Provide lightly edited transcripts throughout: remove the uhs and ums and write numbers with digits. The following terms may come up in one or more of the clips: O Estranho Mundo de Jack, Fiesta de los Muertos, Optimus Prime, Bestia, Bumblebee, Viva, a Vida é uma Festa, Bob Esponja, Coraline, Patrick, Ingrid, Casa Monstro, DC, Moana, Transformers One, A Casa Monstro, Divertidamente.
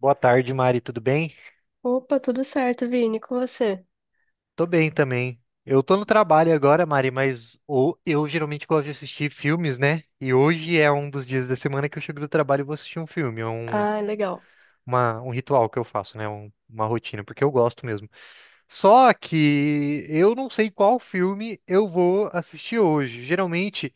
Boa tarde, Mari, tudo bem? Opa, tudo certo, Vini, com você? Tô bem também. Eu tô no trabalho agora, Mari, mas eu geralmente gosto de assistir filmes, né? E hoje é um dos dias da semana que eu chego do trabalho e vou assistir um filme. É Ah, legal. Um ritual que eu faço, né? Uma rotina, porque eu gosto mesmo. Só que eu não sei qual filme eu vou assistir hoje. Geralmente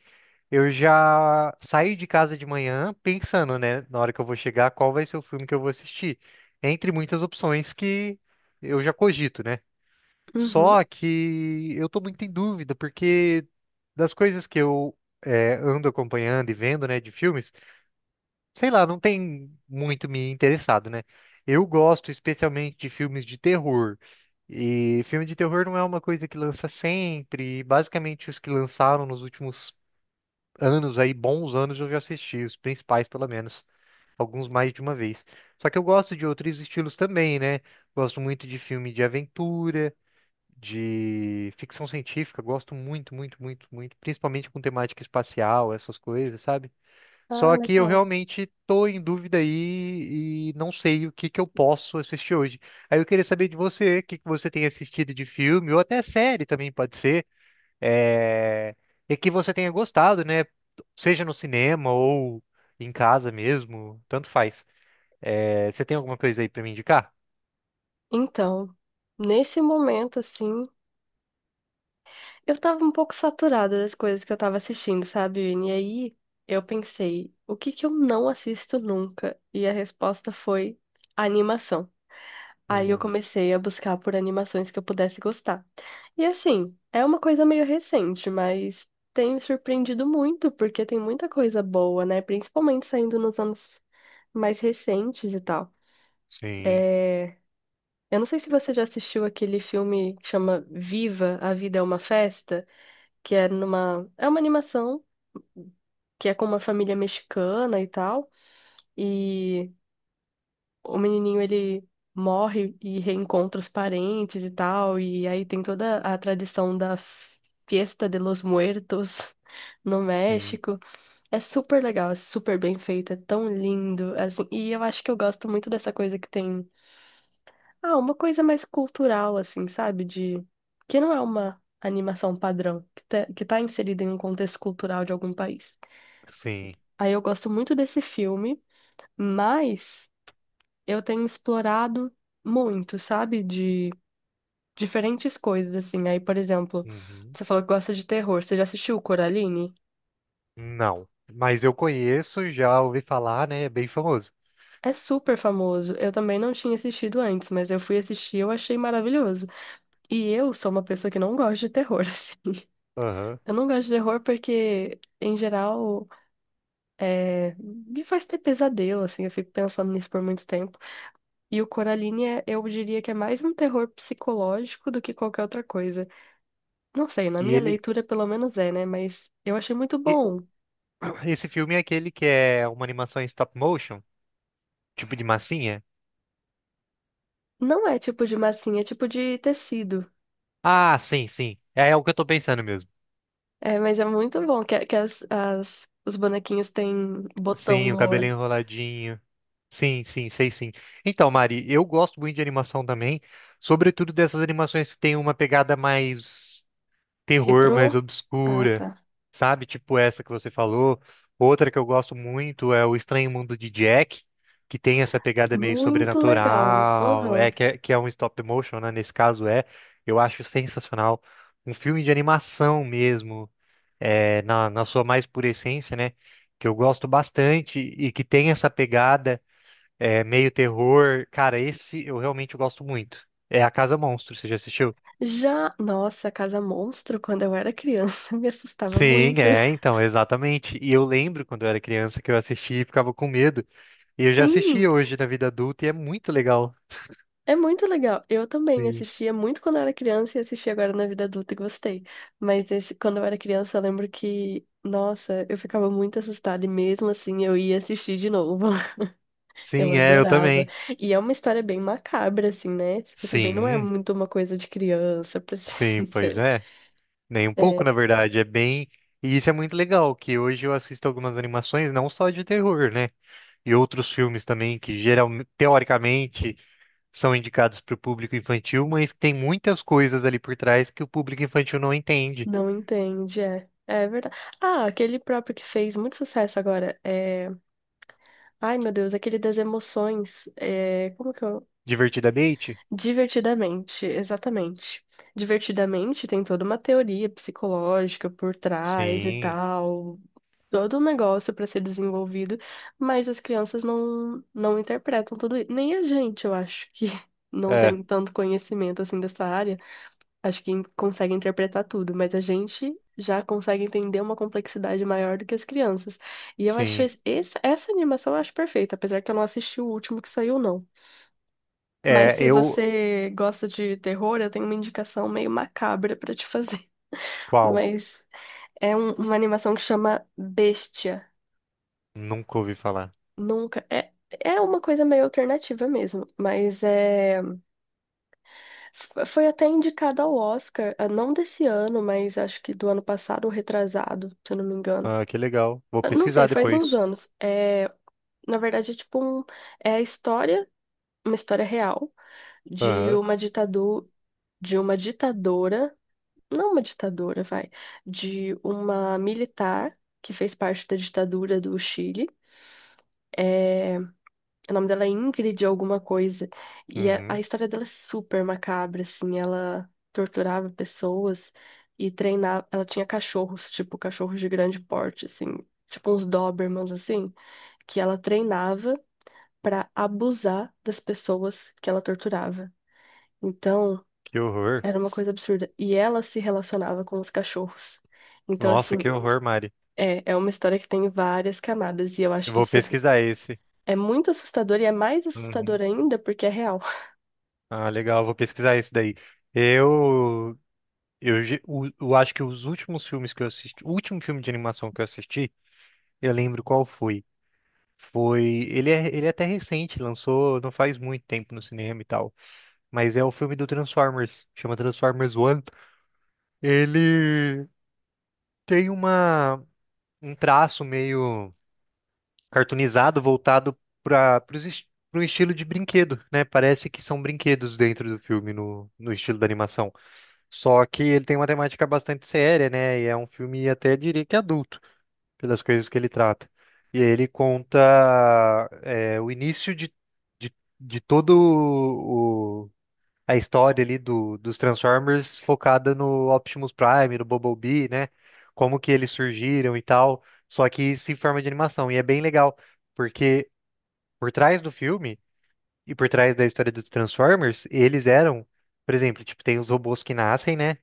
eu já saio de casa de manhã pensando, né? Na hora que eu vou chegar, qual vai ser o filme que eu vou assistir. Entre muitas opções que eu já cogito, né? Uhum. Só que eu tô muito em dúvida, porque das coisas que eu ando acompanhando e vendo, né, de filmes, sei lá, não tem muito me interessado, né? Eu gosto especialmente de filmes de terror. E filme de terror não é uma coisa que lança sempre. Basicamente, os que lançaram nos últimos anos, aí, bons anos, eu já assisti, os principais, pelo menos. Alguns mais de uma vez. Só que eu gosto de outros estilos também, né? Gosto muito de filme de aventura de ficção científica, gosto muito, muito, muito, muito, principalmente com temática espacial, essas coisas, sabe? Ah, Só que eu legal. realmente tô em dúvida aí e não sei o que que eu posso assistir hoje. Aí eu queria saber de você, o que que você tem assistido de filme, ou até série também pode ser, é... e que você tenha gostado, né? Seja no cinema ou em casa mesmo, tanto faz. É, você tem alguma coisa aí pra me indicar? Então, nesse momento, assim, eu tava um pouco saturada das coisas que eu tava assistindo, sabe, Vini? E aí eu pensei, o que que eu não assisto nunca? E a resposta foi animação. Aí eu Hum, comecei a buscar por animações que eu pudesse gostar. E assim, é uma coisa meio recente, mas tem me surpreendido muito, porque tem muita coisa boa, né? Principalmente saindo nos anos mais recentes e tal. sim, É, Eu não sei se você já assistiu aquele filme que chama Viva, a Vida é uma Festa, que é numa. É uma animação que é com uma família mexicana e tal. E o menininho ele morre e reencontra os parentes e tal. E aí tem toda a tradição da Fiesta de los Muertos no sim, México. É super legal, é super bem feito, é tão lindo assim, e eu acho que eu gosto muito dessa coisa que tem. Ah, uma coisa mais cultural, assim, sabe? De que não é uma animação padrão, que tá inserida em um contexto cultural de algum país. sim. Aí eu gosto muito desse filme, mas eu tenho explorado muito, sabe? De diferentes coisas, assim. Aí, por exemplo, Uhum. você falou que gosta de terror. Você já assistiu Coraline? Não, mas eu conheço, já ouvi falar, né? É bem famoso. É super famoso. Eu também não tinha assistido antes, mas eu fui assistir e eu achei maravilhoso. E eu sou uma pessoa que não gosta de terror, assim. Aham. Eu não gosto de terror porque, em geral, me faz ter pesadelo, assim, eu fico pensando nisso por muito tempo. E o Coraline, eu diria que é mais um terror psicológico do que qualquer outra coisa. Não sei, na E minha ele, leitura pelo menos é, né? Mas eu achei muito e- bom. esse filme é aquele que é uma animação em stop motion? Tipo de massinha? Não é tipo de massinha, é tipo de tecido. Ah, sim, sim. É, é o que eu tô pensando mesmo. É, mas é muito bom que os bonequinhos têm botão Sim, o no cabelinho olho. enroladinho. Sim, sim, sei sim. Então, Mari, eu gosto muito de animação também, sobretudo dessas animações que tem uma pegada mais terror, mais Retrô? Ah, obscura, tá. sabe? Tipo essa que você falou. Outra que eu gosto muito é O Estranho Mundo de Jack, que tem essa pegada meio Muito legal. sobrenatural, Aham. Que é um stop motion, né? Nesse caso é, eu acho sensacional. Um filme de animação mesmo. É, na sua mais pura essência, né? Que eu gosto bastante e que tem essa pegada meio terror. Cara, esse eu realmente gosto muito. É A Casa Monstro, você já assistiu? Já, nossa, Casa Monstro, quando eu era criança, me assustava Sim, muito. é, então, exatamente. E eu lembro quando eu era criança que eu assistia e ficava com medo. E eu já assisti Sim. hoje na vida adulta e é muito legal. É muito legal. Eu também Sim. assistia muito quando eu era criança e assisti agora na vida adulta e gostei. Mas esse, quando eu era criança, eu lembro que, nossa, eu ficava muito assustada e mesmo assim eu ia assistir de novo. Eu Sim, é, eu adorava. também. E é uma história bem macabra, assim, né? Você pensa bem, não é Sim, muito uma coisa de criança, pra ser sim, pois sincero. é. Nem um pouco, É, na verdade. É bem. E isso é muito legal, que hoje eu assisto algumas animações, não só de terror, né? E outros filmes também que geral teoricamente, são indicados para o público infantil, mas tem muitas coisas ali por trás que o público infantil não entende. não entende, é. É verdade. Ah, aquele próprio que fez muito sucesso agora. É... Ai, meu Deus, aquele das emoções. É... Como que é? Divertidamente? Divertidamente, exatamente. Divertidamente tem toda uma teoria psicológica por trás e Sim, tal, todo um negócio para ser desenvolvido, mas as crianças não interpretam tudo isso. Nem a gente, eu acho que não é, tem tanto conhecimento assim dessa área, acho que consegue interpretar tudo, mas a gente já consegue entender uma complexidade maior do que as crianças. E eu achei sim. Essa animação eu acho perfeita, apesar que eu não assisti o último que saiu, não. Mas É, se eu. você gosta de terror, eu tenho uma indicação meio macabra pra te fazer. Qual? Mas uma animação que chama Bestia. Nunca ouvi falar. Nunca. É, é uma coisa meio alternativa mesmo. Mas é. Foi até indicada ao Oscar, ah, não desse ano, mas acho que do ano passado ou retrasado, se eu não me engano. Ah, que legal. Vou Ah, não pesquisar sei, faz uns depois. anos. É, na verdade, é a história, uma história real de Aham. uma ditadura, de uma ditadora, não é uma ditadora, vai, de uma militar que fez parte da ditadura do Chile. É, o nome dela é Ingrid alguma coisa. E a Uhum. história dela é super macabra, assim, ela torturava pessoas e treinava, ela tinha cachorros, tipo cachorros de grande porte, assim, tipo uns Dobermans, assim, que ela treinava pra abusar das pessoas que ela torturava. Então, Que horror. era uma coisa absurda. E ela se relacionava com os cachorros. Então, Nossa, assim, que horror, Mari. é, é uma história que tem várias camadas e eu acho Eu que vou isso é, pesquisar esse. é muito assustador e é mais assustador Uhum. ainda porque é real. Ah, legal, vou pesquisar esse daí. Eu eu acho que os últimos filmes que eu assisti, o último filme de animação que eu assisti, eu lembro qual foi. Foi, ele é até recente, lançou não faz muito tempo no cinema e tal, mas é o filme do Transformers, chama Transformers One. Ele tem uma um traço meio cartoonizado voltado para para um estilo de brinquedo, né? Parece que são brinquedos dentro do filme no estilo da animação. Só que ele tem uma temática bastante séria, né? E é um filme até diria que adulto. Pelas coisas que ele trata. E aí ele conta é, o início de, de todo o, a história ali dos Transformers focada no Optimus Prime, no Bumblebee, né? Como que eles surgiram e tal, só que isso em forma de animação. E é bem legal, porque por trás do filme e por trás da história dos Transformers, eles eram, por exemplo, tipo, tem os robôs que nascem, né?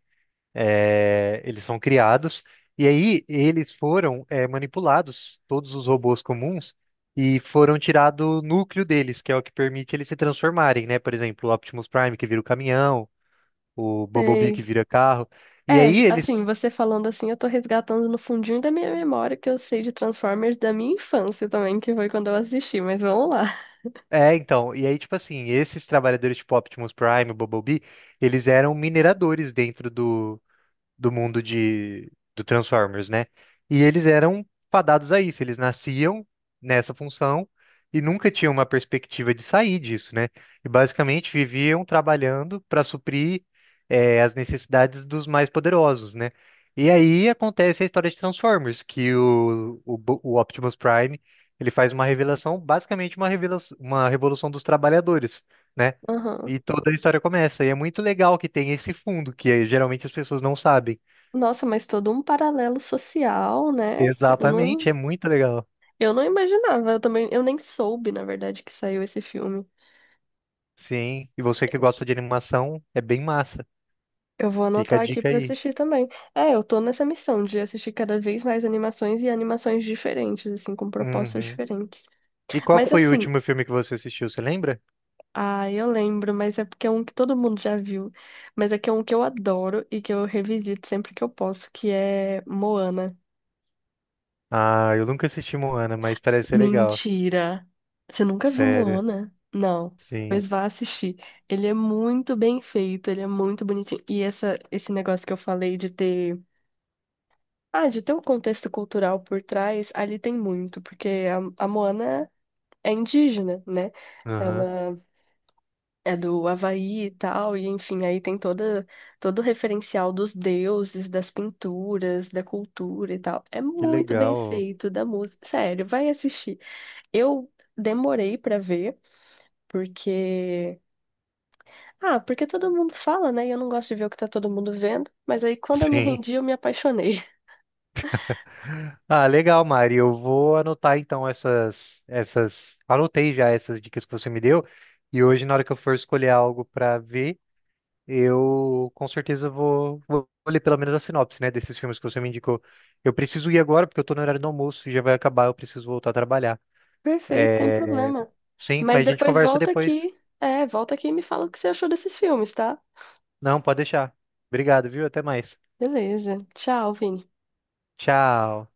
É, eles são criados e aí eles foram manipulados, todos os robôs comuns, e foram tirado o núcleo deles, que é o que permite eles se transformarem, né? Por exemplo, o Optimus Prime que vira o caminhão, o Bumblebee que Sei. vira carro. E É, aí assim, eles você falando assim, eu tô resgatando no fundinho da minha memória que eu sei de Transformers da minha infância também, que foi quando eu assisti, mas vamos lá. É, então, e aí, tipo assim, esses trabalhadores tipo Optimus Prime, o Bumblebee, eles eram mineradores dentro do mundo de do Transformers, né? E eles eram fadados a isso, eles nasciam nessa função e nunca tinham uma perspectiva de sair disso, né? E basicamente viviam trabalhando para suprir as necessidades dos mais poderosos, né? E aí acontece a história de Transformers, que o Optimus Prime ele faz uma revelação, basicamente uma revelação, uma revolução dos trabalhadores, né? Aham. E toda a história começa. E é muito legal que tem esse fundo, que eh, geralmente as pessoas não sabem. Nossa, mas todo um paralelo social, né? Exatamente, é muito legal. Eu não imaginava, eu também, eu nem soube, na verdade, que saiu esse filme. Sim, e você que gosta de animação, é bem massa. Eu vou Fica a anotar aqui dica pra aí. assistir também. É, eu tô nessa missão de assistir cada vez mais animações e animações diferentes, assim, com propostas Uhum. diferentes. E qual que Mas foi o assim, último filme que você assistiu, você lembra? ah, eu lembro, mas é porque é um que todo mundo já viu. Mas é que é um que eu adoro e que eu revisito sempre que eu posso, que é Moana. Ah, eu nunca assisti Moana, mas parece ser legal. Mentira! Você nunca viu Sério. Moana? Não. Sim. Pois vá assistir. Ele é muito bem feito, ele é muito bonitinho. E essa, esse negócio que eu falei de ter, ah, de ter um contexto cultural por trás, ali tem muito, porque a Moana é indígena, né? Aham. Ela é do Havaí e tal, e enfim, aí tem toda, todo o referencial dos deuses, das pinturas, da cultura e tal. É Que muito bem legal. feito, da música. Sério, vai assistir. Eu demorei pra ver, porque. Ah, porque todo mundo fala, né? E eu não gosto de ver o que tá todo mundo vendo, mas aí quando eu me Sim. rendi, eu me apaixonei. Ah, legal, Mari. Eu vou anotar então anotei já essas dicas que você me deu e hoje na hora que eu for escolher algo pra ver, eu com certeza vou ler pelo menos a sinopse, né, desses filmes que você me indicou. Eu preciso ir agora porque eu tô no horário do almoço e já vai acabar, eu preciso voltar a trabalhar. Perfeito, sem É, problema. sim, Mas mas a gente depois conversa volta depois. aqui. É, volta aqui e me fala o que você achou desses filmes, tá? Não, pode deixar. Obrigado, viu? Até mais. Beleza. Tchau, Vini. Tchau.